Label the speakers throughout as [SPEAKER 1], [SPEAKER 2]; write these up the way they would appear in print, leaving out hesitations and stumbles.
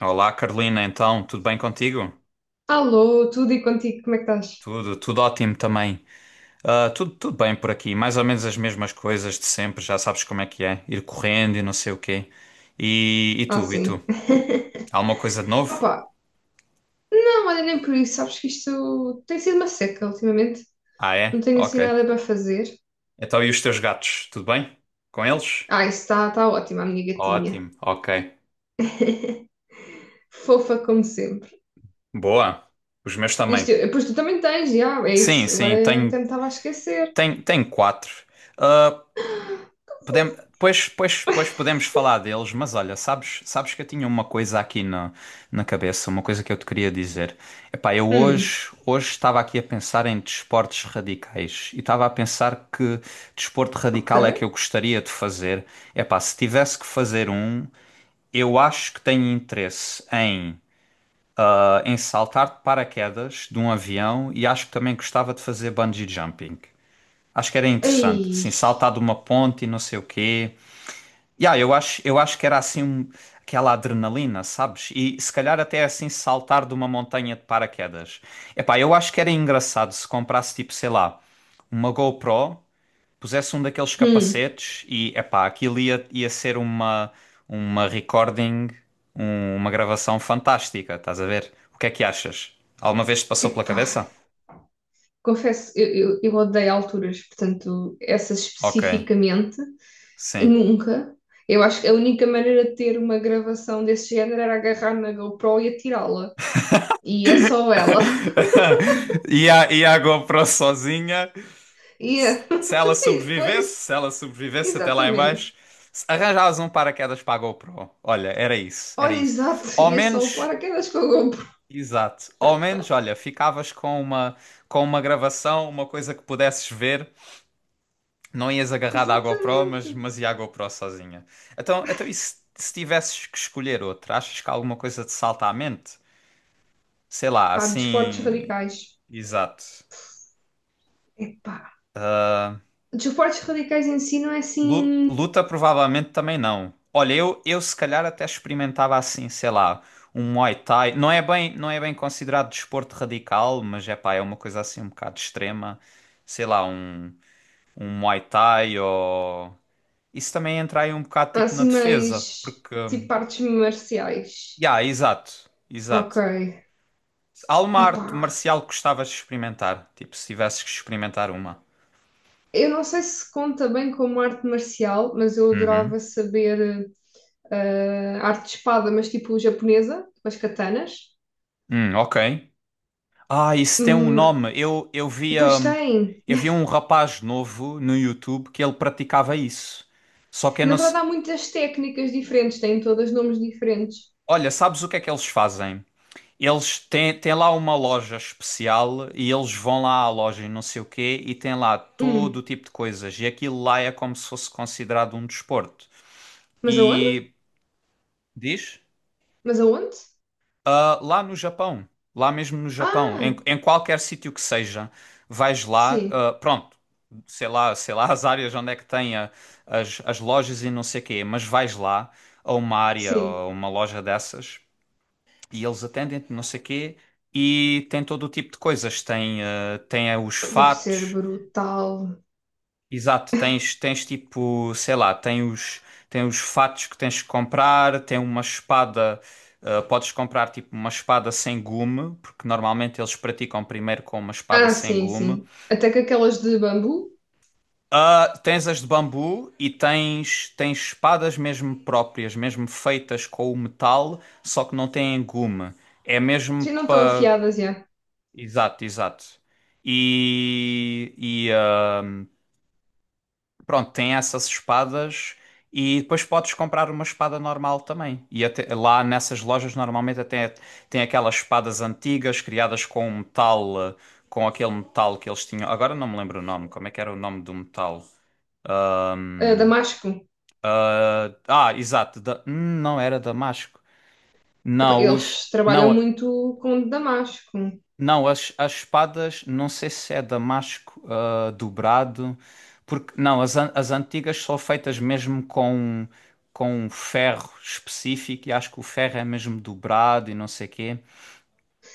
[SPEAKER 1] Olá, Carolina, então, tudo bem contigo?
[SPEAKER 2] Alô, tudo e contigo, como é que estás?
[SPEAKER 1] Tudo, tudo ótimo também. Ah, tudo, tudo bem por aqui, mais ou menos as mesmas coisas de sempre, já sabes como é que é, ir correndo e não sei o quê. E
[SPEAKER 2] Ah,
[SPEAKER 1] tu, e tu?
[SPEAKER 2] sim.
[SPEAKER 1] Há alguma coisa de novo?
[SPEAKER 2] Opa, não, olha, nem por isso, sabes que isto tem sido uma seca ultimamente.
[SPEAKER 1] Ah,
[SPEAKER 2] Não
[SPEAKER 1] é?
[SPEAKER 2] tenho
[SPEAKER 1] Ok.
[SPEAKER 2] assim nada para fazer.
[SPEAKER 1] Então, e os teus gatos, tudo bem? Com eles?
[SPEAKER 2] Ah, isso está tá tá ótimo, a minha gatinha.
[SPEAKER 1] Ótimo, ok.
[SPEAKER 2] Fofa como sempre.
[SPEAKER 1] Boa. Os meus também.
[SPEAKER 2] Isto, pois tu também tens, já, é
[SPEAKER 1] Sim,
[SPEAKER 2] isso.
[SPEAKER 1] sim,
[SPEAKER 2] Agora até
[SPEAKER 1] tenho,
[SPEAKER 2] me estava a esquecer.
[SPEAKER 1] tenho, tenho quatro. Ah, pois podemos falar deles, mas olha, sabes que eu tinha uma coisa aqui na cabeça, uma coisa que eu te queria dizer. Epá, eu
[SPEAKER 2] Hum,
[SPEAKER 1] hoje estava aqui a pensar em desportos radicais e estava a pensar que desporto
[SPEAKER 2] ok.
[SPEAKER 1] radical é que eu gostaria de fazer. Epá, se tivesse que fazer um, eu acho que tenho interesse em saltar de paraquedas de um avião e acho que também gostava de fazer bungee jumping. Acho que era interessante,
[SPEAKER 2] Ei,
[SPEAKER 1] assim, saltar de uma ponte e não sei o quê. Yeah, eu acho que era assim aquela adrenalina, sabes? E se calhar até é assim saltar de uma montanha de paraquedas. Epá, eu acho que era engraçado se comprasse tipo, sei lá, uma GoPro, pusesse um daqueles
[SPEAKER 2] hum,
[SPEAKER 1] capacetes e epá, aquilo ia ser uma recording, uma gravação fantástica, estás a ver? O que é que achas? Alguma vez te passou pela
[SPEAKER 2] epá.
[SPEAKER 1] cabeça?
[SPEAKER 2] Confesso, eu odeio alturas, portanto, essas
[SPEAKER 1] Ok,
[SPEAKER 2] especificamente.
[SPEAKER 1] sim.
[SPEAKER 2] Nunca. Eu acho que a única maneira de ter uma gravação desse género era agarrar na GoPro e atirá-la. E é só ela.
[SPEAKER 1] E a GoPro sozinha.
[SPEAKER 2] E,
[SPEAKER 1] Se se ela
[SPEAKER 2] e depois,
[SPEAKER 1] sobrevivesse, se ela sobrevivesse até lá em
[SPEAKER 2] exatamente.
[SPEAKER 1] baixo, se arranjavas um paraquedas para a GoPro. Olha, era isso, era
[SPEAKER 2] Olha,
[SPEAKER 1] isso.
[SPEAKER 2] exato,
[SPEAKER 1] Ao
[SPEAKER 2] ia só o
[SPEAKER 1] menos,
[SPEAKER 2] paraquedas com a GoPro.
[SPEAKER 1] exato, ao menos, olha, ficavas com com uma gravação, uma coisa que pudesses ver. Não ias agarrada à GoPro,
[SPEAKER 2] Exatamente.
[SPEAKER 1] mas ia à GoPro sozinha. Então e se tivesses que escolher outra? Achas que há alguma coisa te salta à mente? Sei lá,
[SPEAKER 2] Pá, desportos
[SPEAKER 1] assim,
[SPEAKER 2] radicais.
[SPEAKER 1] exato.
[SPEAKER 2] Epá. Desportos radicais em si não é assim.
[SPEAKER 1] Luta provavelmente também não. Olha, eu se calhar até experimentava assim, sei lá, um Muay Thai. Não é bem considerado desporto radical, mas é pá, é uma coisa assim um bocado extrema. Sei lá, um Muay Thai ou. Isso também entra aí um bocado
[SPEAKER 2] Há
[SPEAKER 1] tipo na
[SPEAKER 2] assim
[SPEAKER 1] defesa,
[SPEAKER 2] mais.
[SPEAKER 1] porque.
[SPEAKER 2] Tipo artes marciais.
[SPEAKER 1] Ya, exato,
[SPEAKER 2] Ok.
[SPEAKER 1] exato. Há uma
[SPEAKER 2] Epá.
[SPEAKER 1] arte marcial que gostavas de experimentar, tipo, se tivesses que experimentar uma.
[SPEAKER 2] Eu não sei se conta bem como arte marcial, mas eu
[SPEAKER 1] Uhum.
[SPEAKER 2] adorava saber. Ah, arte de espada, mas tipo japonesa, com as katanas.
[SPEAKER 1] Ok. Ah, isso tem um
[SPEAKER 2] Hum,
[SPEAKER 1] nome. Eu, eu via,
[SPEAKER 2] pois
[SPEAKER 1] hum,
[SPEAKER 2] tem.
[SPEAKER 1] eu via um rapaz novo no YouTube que ele praticava isso. Só que eu
[SPEAKER 2] Na
[SPEAKER 1] não sei.
[SPEAKER 2] verdade, há muitas técnicas diferentes, têm todas nomes diferentes.
[SPEAKER 1] Olha, sabes o que é que eles fazem? Eles têm lá uma loja especial e eles vão lá à loja e não sei o quê e têm lá todo o
[SPEAKER 2] Hum,
[SPEAKER 1] tipo de coisas. E aquilo lá é como se fosse considerado um desporto.
[SPEAKER 2] mas aonde?
[SPEAKER 1] E diz?
[SPEAKER 2] Mas aonde?
[SPEAKER 1] Ah, lá no Japão, lá mesmo no Japão,
[SPEAKER 2] Ah,
[SPEAKER 1] em qualquer sítio que seja, vais lá,
[SPEAKER 2] sim,
[SPEAKER 1] pronto, sei lá as áreas onde é que tem as lojas e não sei quê, mas vais lá a uma área ou
[SPEAKER 2] sim.
[SPEAKER 1] a uma loja dessas e eles atendem-te, não sei quê, e tem todo o tipo de coisas, tem, os
[SPEAKER 2] Deve ser
[SPEAKER 1] fatos.
[SPEAKER 2] brutal.
[SPEAKER 1] Exato, tens tipo, sei lá, tem os fatos que tens que comprar, tem uma espada, podes comprar tipo uma espada sem gume, porque normalmente eles praticam primeiro com uma espada
[SPEAKER 2] Ah,
[SPEAKER 1] sem
[SPEAKER 2] sim,
[SPEAKER 1] gume.
[SPEAKER 2] sim. Até que aquelas de bambu,
[SPEAKER 1] Ah, tens as de bambu e tens espadas mesmo próprias, mesmo feitas com o metal, só que não têm gume. É mesmo
[SPEAKER 2] sim, não estão
[SPEAKER 1] para.
[SPEAKER 2] afiadas já.
[SPEAKER 1] Exato, exato. E pronto, tem essas espadas e depois podes comprar uma espada normal também. Lá nessas lojas normalmente até tem aquelas espadas antigas criadas com um metal, com aquele metal que eles tinham. Agora não me lembro o nome, como é que era o nome do metal?
[SPEAKER 2] Ah, damasco.
[SPEAKER 1] ah, exato, não era Damasco.
[SPEAKER 2] Epá,
[SPEAKER 1] Não, os.
[SPEAKER 2] eles trabalham
[SPEAKER 1] Não,
[SPEAKER 2] muito com damasco.
[SPEAKER 1] não, as espadas, não sei se é damasco dobrado, porque não, as antigas são feitas mesmo com um ferro específico e acho que o ferro é mesmo dobrado e não sei quê.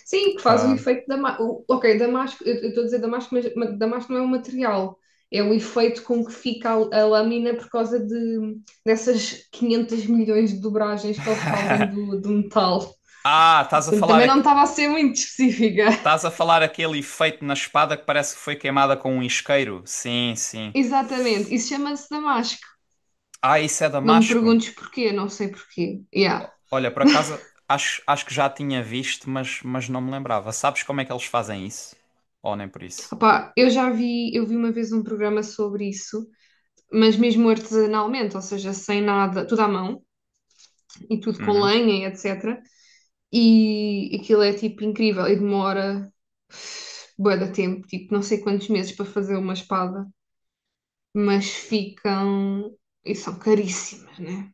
[SPEAKER 2] Sim, que faz o efeito da o Ok, damasco, eu estou a dizer damasco, mas damasco não é um material. É o efeito com que fica a, lâmina por causa de, dessas 500 milhões de dobragens que eles fazem do metal.
[SPEAKER 1] Ah,
[SPEAKER 2] Também não estava a ser muito específica.
[SPEAKER 1] estás a falar aquele efeito na espada que parece que foi queimada com um isqueiro? Sim, sim.
[SPEAKER 2] Exatamente, isso chama-se damasco.
[SPEAKER 1] Ah, isso é
[SPEAKER 2] Não me
[SPEAKER 1] damasco?
[SPEAKER 2] perguntes porquê, não sei porquê. Yeah.
[SPEAKER 1] Olha, por acaso acho que já tinha visto, mas não me lembrava. Sabes como é que eles fazem isso? Ou nem por isso?
[SPEAKER 2] Opá, eu já vi, eu vi uma vez um programa sobre isso, mas mesmo artesanalmente, ou seja, sem nada, tudo à mão e tudo com
[SPEAKER 1] Uhum.
[SPEAKER 2] lenha e etc. E aquilo é tipo incrível e demora bué de tempo, tipo não sei quantos meses para fazer uma espada, mas ficam e são caríssimas, né?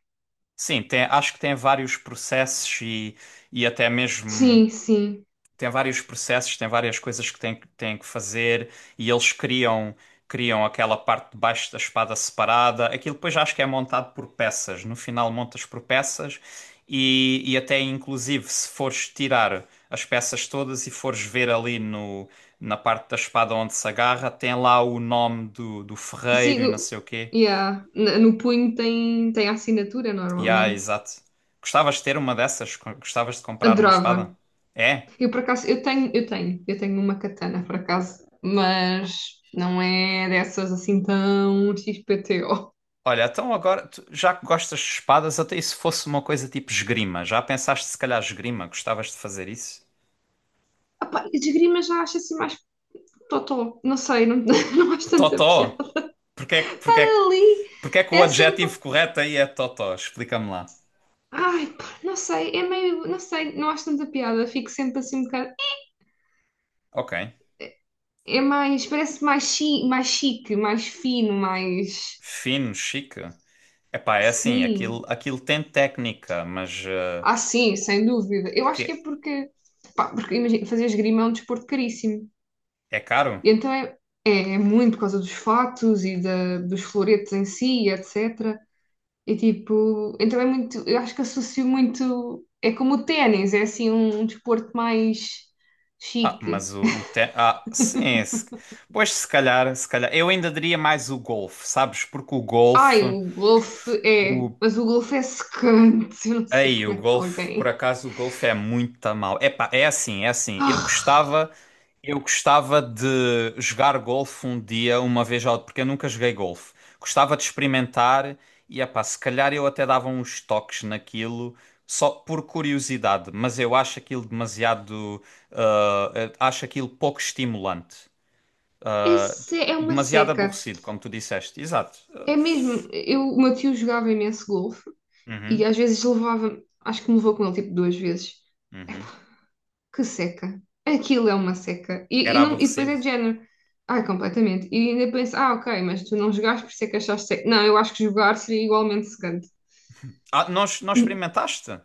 [SPEAKER 1] Sim, tem, acho que tem vários processos e até mesmo
[SPEAKER 2] Sim, sim.
[SPEAKER 1] tem vários processos, tem várias coisas que tem, tem que fazer e eles criam aquela parte de baixo da espada separada. Aquilo depois acho que é montado por peças. No final montas por peças e até inclusive se fores tirar as peças todas e fores ver ali no, na parte da espada onde se agarra, tem lá o nome do ferreiro
[SPEAKER 2] Sim,
[SPEAKER 1] e não
[SPEAKER 2] o-
[SPEAKER 1] sei o quê.
[SPEAKER 2] yeah. No punho tem a assinatura
[SPEAKER 1] Ya,
[SPEAKER 2] normalmente.
[SPEAKER 1] exato. Gostavas de ter uma dessas? Gostavas de comprar uma espada?
[SPEAKER 2] Adorava.
[SPEAKER 1] É?
[SPEAKER 2] Eu por acaso, eu tenho uma katana por acaso, mas não é dessas assim tão XPTO.
[SPEAKER 1] Olha, então agora, já que gostas de espadas, até e se fosse uma coisa tipo esgrima? Já pensaste se calhar esgrima? Gostavas de fazer isso?
[SPEAKER 2] Ah pá, esgrima já acho assim mais totó, não sei, não, não acho
[SPEAKER 1] É
[SPEAKER 2] tanta piada.
[SPEAKER 1] Totó! Porquê, que- porquê, que-
[SPEAKER 2] Ali
[SPEAKER 1] porquê que o
[SPEAKER 2] é
[SPEAKER 1] adjetivo
[SPEAKER 2] sempre.
[SPEAKER 1] correto aí é totó? Explica-me lá.
[SPEAKER 2] Ai, pá, não sei, é meio. Não sei, não acho tanta piada, fico sempre assim um bocado.
[SPEAKER 1] Ok.
[SPEAKER 2] É mais. Parece mais, chique mais chique, mais fino, mais.
[SPEAKER 1] Fino, chique. Epá, é assim,
[SPEAKER 2] Sim.
[SPEAKER 1] aquilo tem técnica, mas
[SPEAKER 2] Ah, sim, sem dúvida. Eu acho que é
[SPEAKER 1] que
[SPEAKER 2] porque. Pá, porque imagina, fazer esgrima é um desporto caríssimo.
[SPEAKER 1] é caro?
[SPEAKER 2] E então é, é muito por causa dos fatos e da, dos floretes em si, etc. E tipo, então é muito. Eu acho que associo muito. É como o ténis, é assim um desporto mais
[SPEAKER 1] Ah, mas
[SPEAKER 2] chique.
[SPEAKER 1] Ah, sim. Se. Pois se calhar. Eu ainda diria mais o golfe, sabes? Porque o
[SPEAKER 2] Ai,
[SPEAKER 1] golfe.
[SPEAKER 2] o golfe é.
[SPEAKER 1] O.
[SPEAKER 2] Mas o golfe é secante. Eu não sei
[SPEAKER 1] Ei, o
[SPEAKER 2] como é que
[SPEAKER 1] golfe, por
[SPEAKER 2] alguém.
[SPEAKER 1] acaso, o golfe é muito mal. Epá, é assim, é assim. Eu
[SPEAKER 2] Ah,
[SPEAKER 1] gostava. Eu gostava de jogar golfe um dia, uma vez ou porque eu nunca joguei golfe. Gostava de experimentar e, epá, se calhar eu até dava uns toques naquilo, só por curiosidade, mas eu acho aquilo demasiado, ah, acho aquilo pouco estimulante.
[SPEAKER 2] esse é uma
[SPEAKER 1] Demasiado
[SPEAKER 2] seca.
[SPEAKER 1] aborrecido, como tu disseste. Exato.
[SPEAKER 2] É mesmo. Eu, o meu tio jogava imenso golfe e
[SPEAKER 1] Uhum,
[SPEAKER 2] às vezes levava. Acho que me levou com ele tipo duas vezes.
[SPEAKER 1] uhum.
[SPEAKER 2] Que seca. Aquilo é uma seca. E,
[SPEAKER 1] Era
[SPEAKER 2] não, e depois é
[SPEAKER 1] aborrecido.
[SPEAKER 2] de género. Ai, completamente. E ainda penso, ah, ok, mas tu não jogaste por ser que achaste seca. Não, eu acho que jogar seria igualmente secante.
[SPEAKER 1] Ah, nós experimentaste?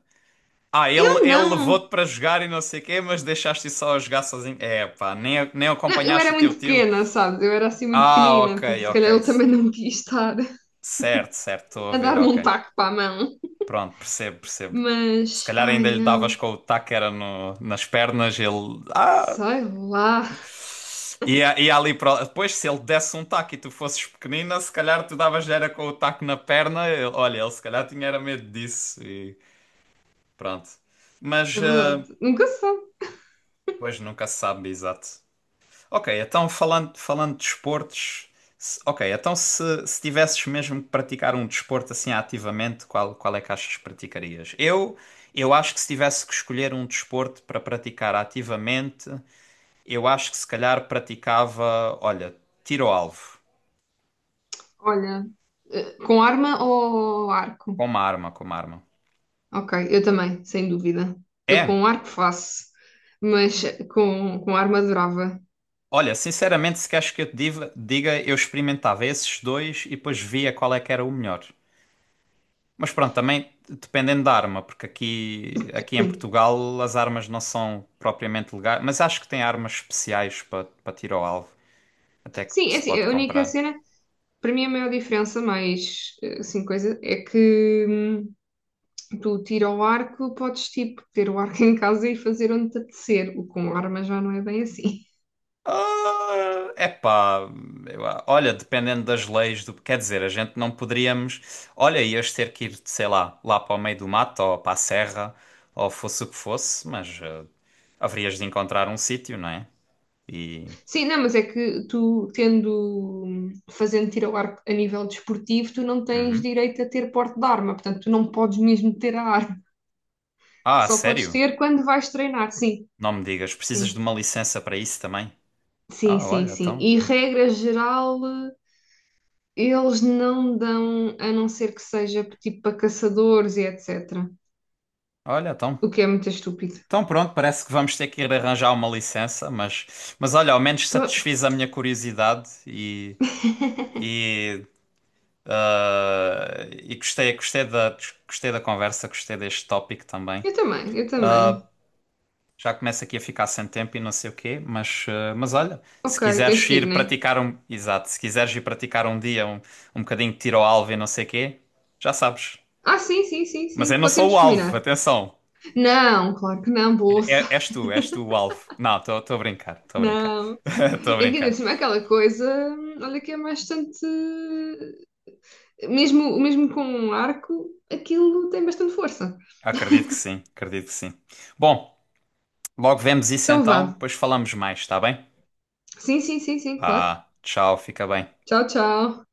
[SPEAKER 1] Ah, ele,
[SPEAKER 2] Eu
[SPEAKER 1] ele
[SPEAKER 2] não.
[SPEAKER 1] levou-te para jogar e não sei o quê, mas deixaste só a jogar sozinho. É, pá, nem
[SPEAKER 2] Não, eu
[SPEAKER 1] acompanhaste
[SPEAKER 2] era
[SPEAKER 1] o
[SPEAKER 2] muito
[SPEAKER 1] teu tio.
[SPEAKER 2] pequena, sabes? Eu era assim muito
[SPEAKER 1] Ah,
[SPEAKER 2] pequenina,
[SPEAKER 1] ok,
[SPEAKER 2] portanto, se
[SPEAKER 1] ok.
[SPEAKER 2] calhar ele também não quis estar.
[SPEAKER 1] Certo, certo, estou a
[SPEAKER 2] A
[SPEAKER 1] ver,
[SPEAKER 2] dar-me
[SPEAKER 1] ok.
[SPEAKER 2] um taco para a mão.
[SPEAKER 1] Pronto, percebo, percebo. Se
[SPEAKER 2] Mas,
[SPEAKER 1] calhar
[SPEAKER 2] ai
[SPEAKER 1] ainda lhe davas
[SPEAKER 2] não,
[SPEAKER 1] com o taco era no, nas pernas, ele. Ah,
[SPEAKER 2] sei lá.
[SPEAKER 1] e ali para depois, se ele desse um taco e tu fosses pequenina, se calhar tu davas era com o taco na perna. Olha, ele se calhar tinha era medo disso e pronto. Mas,
[SPEAKER 2] É verdade, nunca se sabe.
[SPEAKER 1] pois nunca se sabe, exato. Ok, então falando de desportos, ok, então se tivesses mesmo que praticar um desporto assim ativamente, qual é que achas que praticarias? Eu acho que se tivesse que escolher um desporto para praticar ativamente, eu acho que se calhar praticava, olha, tiro ao alvo.
[SPEAKER 2] Olha, com arma ou arco?
[SPEAKER 1] Como arma, como arma.
[SPEAKER 2] Ok, eu também, sem dúvida. Eu
[SPEAKER 1] É,
[SPEAKER 2] com arco faço, mas com arma adorava.
[SPEAKER 1] olha, sinceramente, se queres que eu te diga, eu experimentava esses dois e depois via qual é que era o melhor. Mas pronto, também dependendo da arma, porque aqui em
[SPEAKER 2] Sim,
[SPEAKER 1] Portugal as armas não são propriamente legais, mas acho que tem armas especiais para tiro ao alvo, até que
[SPEAKER 2] sim, é
[SPEAKER 1] se
[SPEAKER 2] assim,
[SPEAKER 1] pode
[SPEAKER 2] a única
[SPEAKER 1] comprar.
[SPEAKER 2] cena, para mim a maior diferença, mais assim, coisa, é que tu tira o arco, podes tipo ter o arco em casa e fazer onde te apetecer. O com arma já não é bem assim.
[SPEAKER 1] Ah, epá, olha, dependendo das leis do, quer dizer, a gente não poderíamos, olha, ias ter que ir, sei lá, lá para o meio do mato ou para a serra, ou fosse o que fosse, mas haverias de encontrar um sítio, não é? E.
[SPEAKER 2] Sim, não, mas é que tu, tendo, fazendo tiro ao arco a nível desportivo, tu não tens
[SPEAKER 1] Uhum.
[SPEAKER 2] direito a ter porte de arma, portanto, tu não podes mesmo ter a arma,
[SPEAKER 1] Ah,
[SPEAKER 2] só podes
[SPEAKER 1] sério?
[SPEAKER 2] ter quando vais treinar, sim,
[SPEAKER 1] Não me digas, precisas de
[SPEAKER 2] sim,
[SPEAKER 1] uma licença para isso também?
[SPEAKER 2] sim,
[SPEAKER 1] Ah,
[SPEAKER 2] sim,
[SPEAKER 1] olha,
[SPEAKER 2] sim.
[SPEAKER 1] então,
[SPEAKER 2] E regra geral, eles não dão, a não ser que seja tipo para caçadores e etc.
[SPEAKER 1] olha, então,
[SPEAKER 2] O que é muito estúpido.
[SPEAKER 1] então pronto, parece que vamos ter que ir arranjar uma licença, mas olha, ao menos
[SPEAKER 2] Pá,
[SPEAKER 1] satisfiz a minha curiosidade e E gostei da conversa, gostei deste tópico também.
[SPEAKER 2] eu também, eu também.
[SPEAKER 1] Já começo aqui a ficar sem tempo e não sei o quê, mas olha, se
[SPEAKER 2] Ok, tens
[SPEAKER 1] quiseres
[SPEAKER 2] que ir,
[SPEAKER 1] ir
[SPEAKER 2] né?
[SPEAKER 1] praticar um, exato, se quiseres ir praticar um dia um, um bocadinho de tiro ao alvo e não sei o quê, já sabes.
[SPEAKER 2] Ah, sim, sim, sim,
[SPEAKER 1] Mas
[SPEAKER 2] sim,
[SPEAKER 1] eu não sou
[SPEAKER 2] temos
[SPEAKER 1] o
[SPEAKER 2] que
[SPEAKER 1] alvo,
[SPEAKER 2] combinar.
[SPEAKER 1] atenção.
[SPEAKER 2] Não, claro que não,
[SPEAKER 1] É-
[SPEAKER 2] bolsa.
[SPEAKER 1] é- és tu, és tu o alvo. Não, estou a brincar, estou a brincar.
[SPEAKER 2] Não,
[SPEAKER 1] Estou a
[SPEAKER 2] é que ainda
[SPEAKER 1] brincar.
[SPEAKER 2] cima aquela coisa, olha que é bastante. Mesmo, mesmo com um arco, aquilo tem bastante força.
[SPEAKER 1] Acredito que sim, acredito que sim. Bom, logo vemos isso
[SPEAKER 2] Então
[SPEAKER 1] então,
[SPEAKER 2] vá.
[SPEAKER 1] depois falamos mais, está bem?
[SPEAKER 2] Sim, sim, sim, sim, claro.
[SPEAKER 1] Ah, tchau, fica bem.
[SPEAKER 2] Tchau, tchau.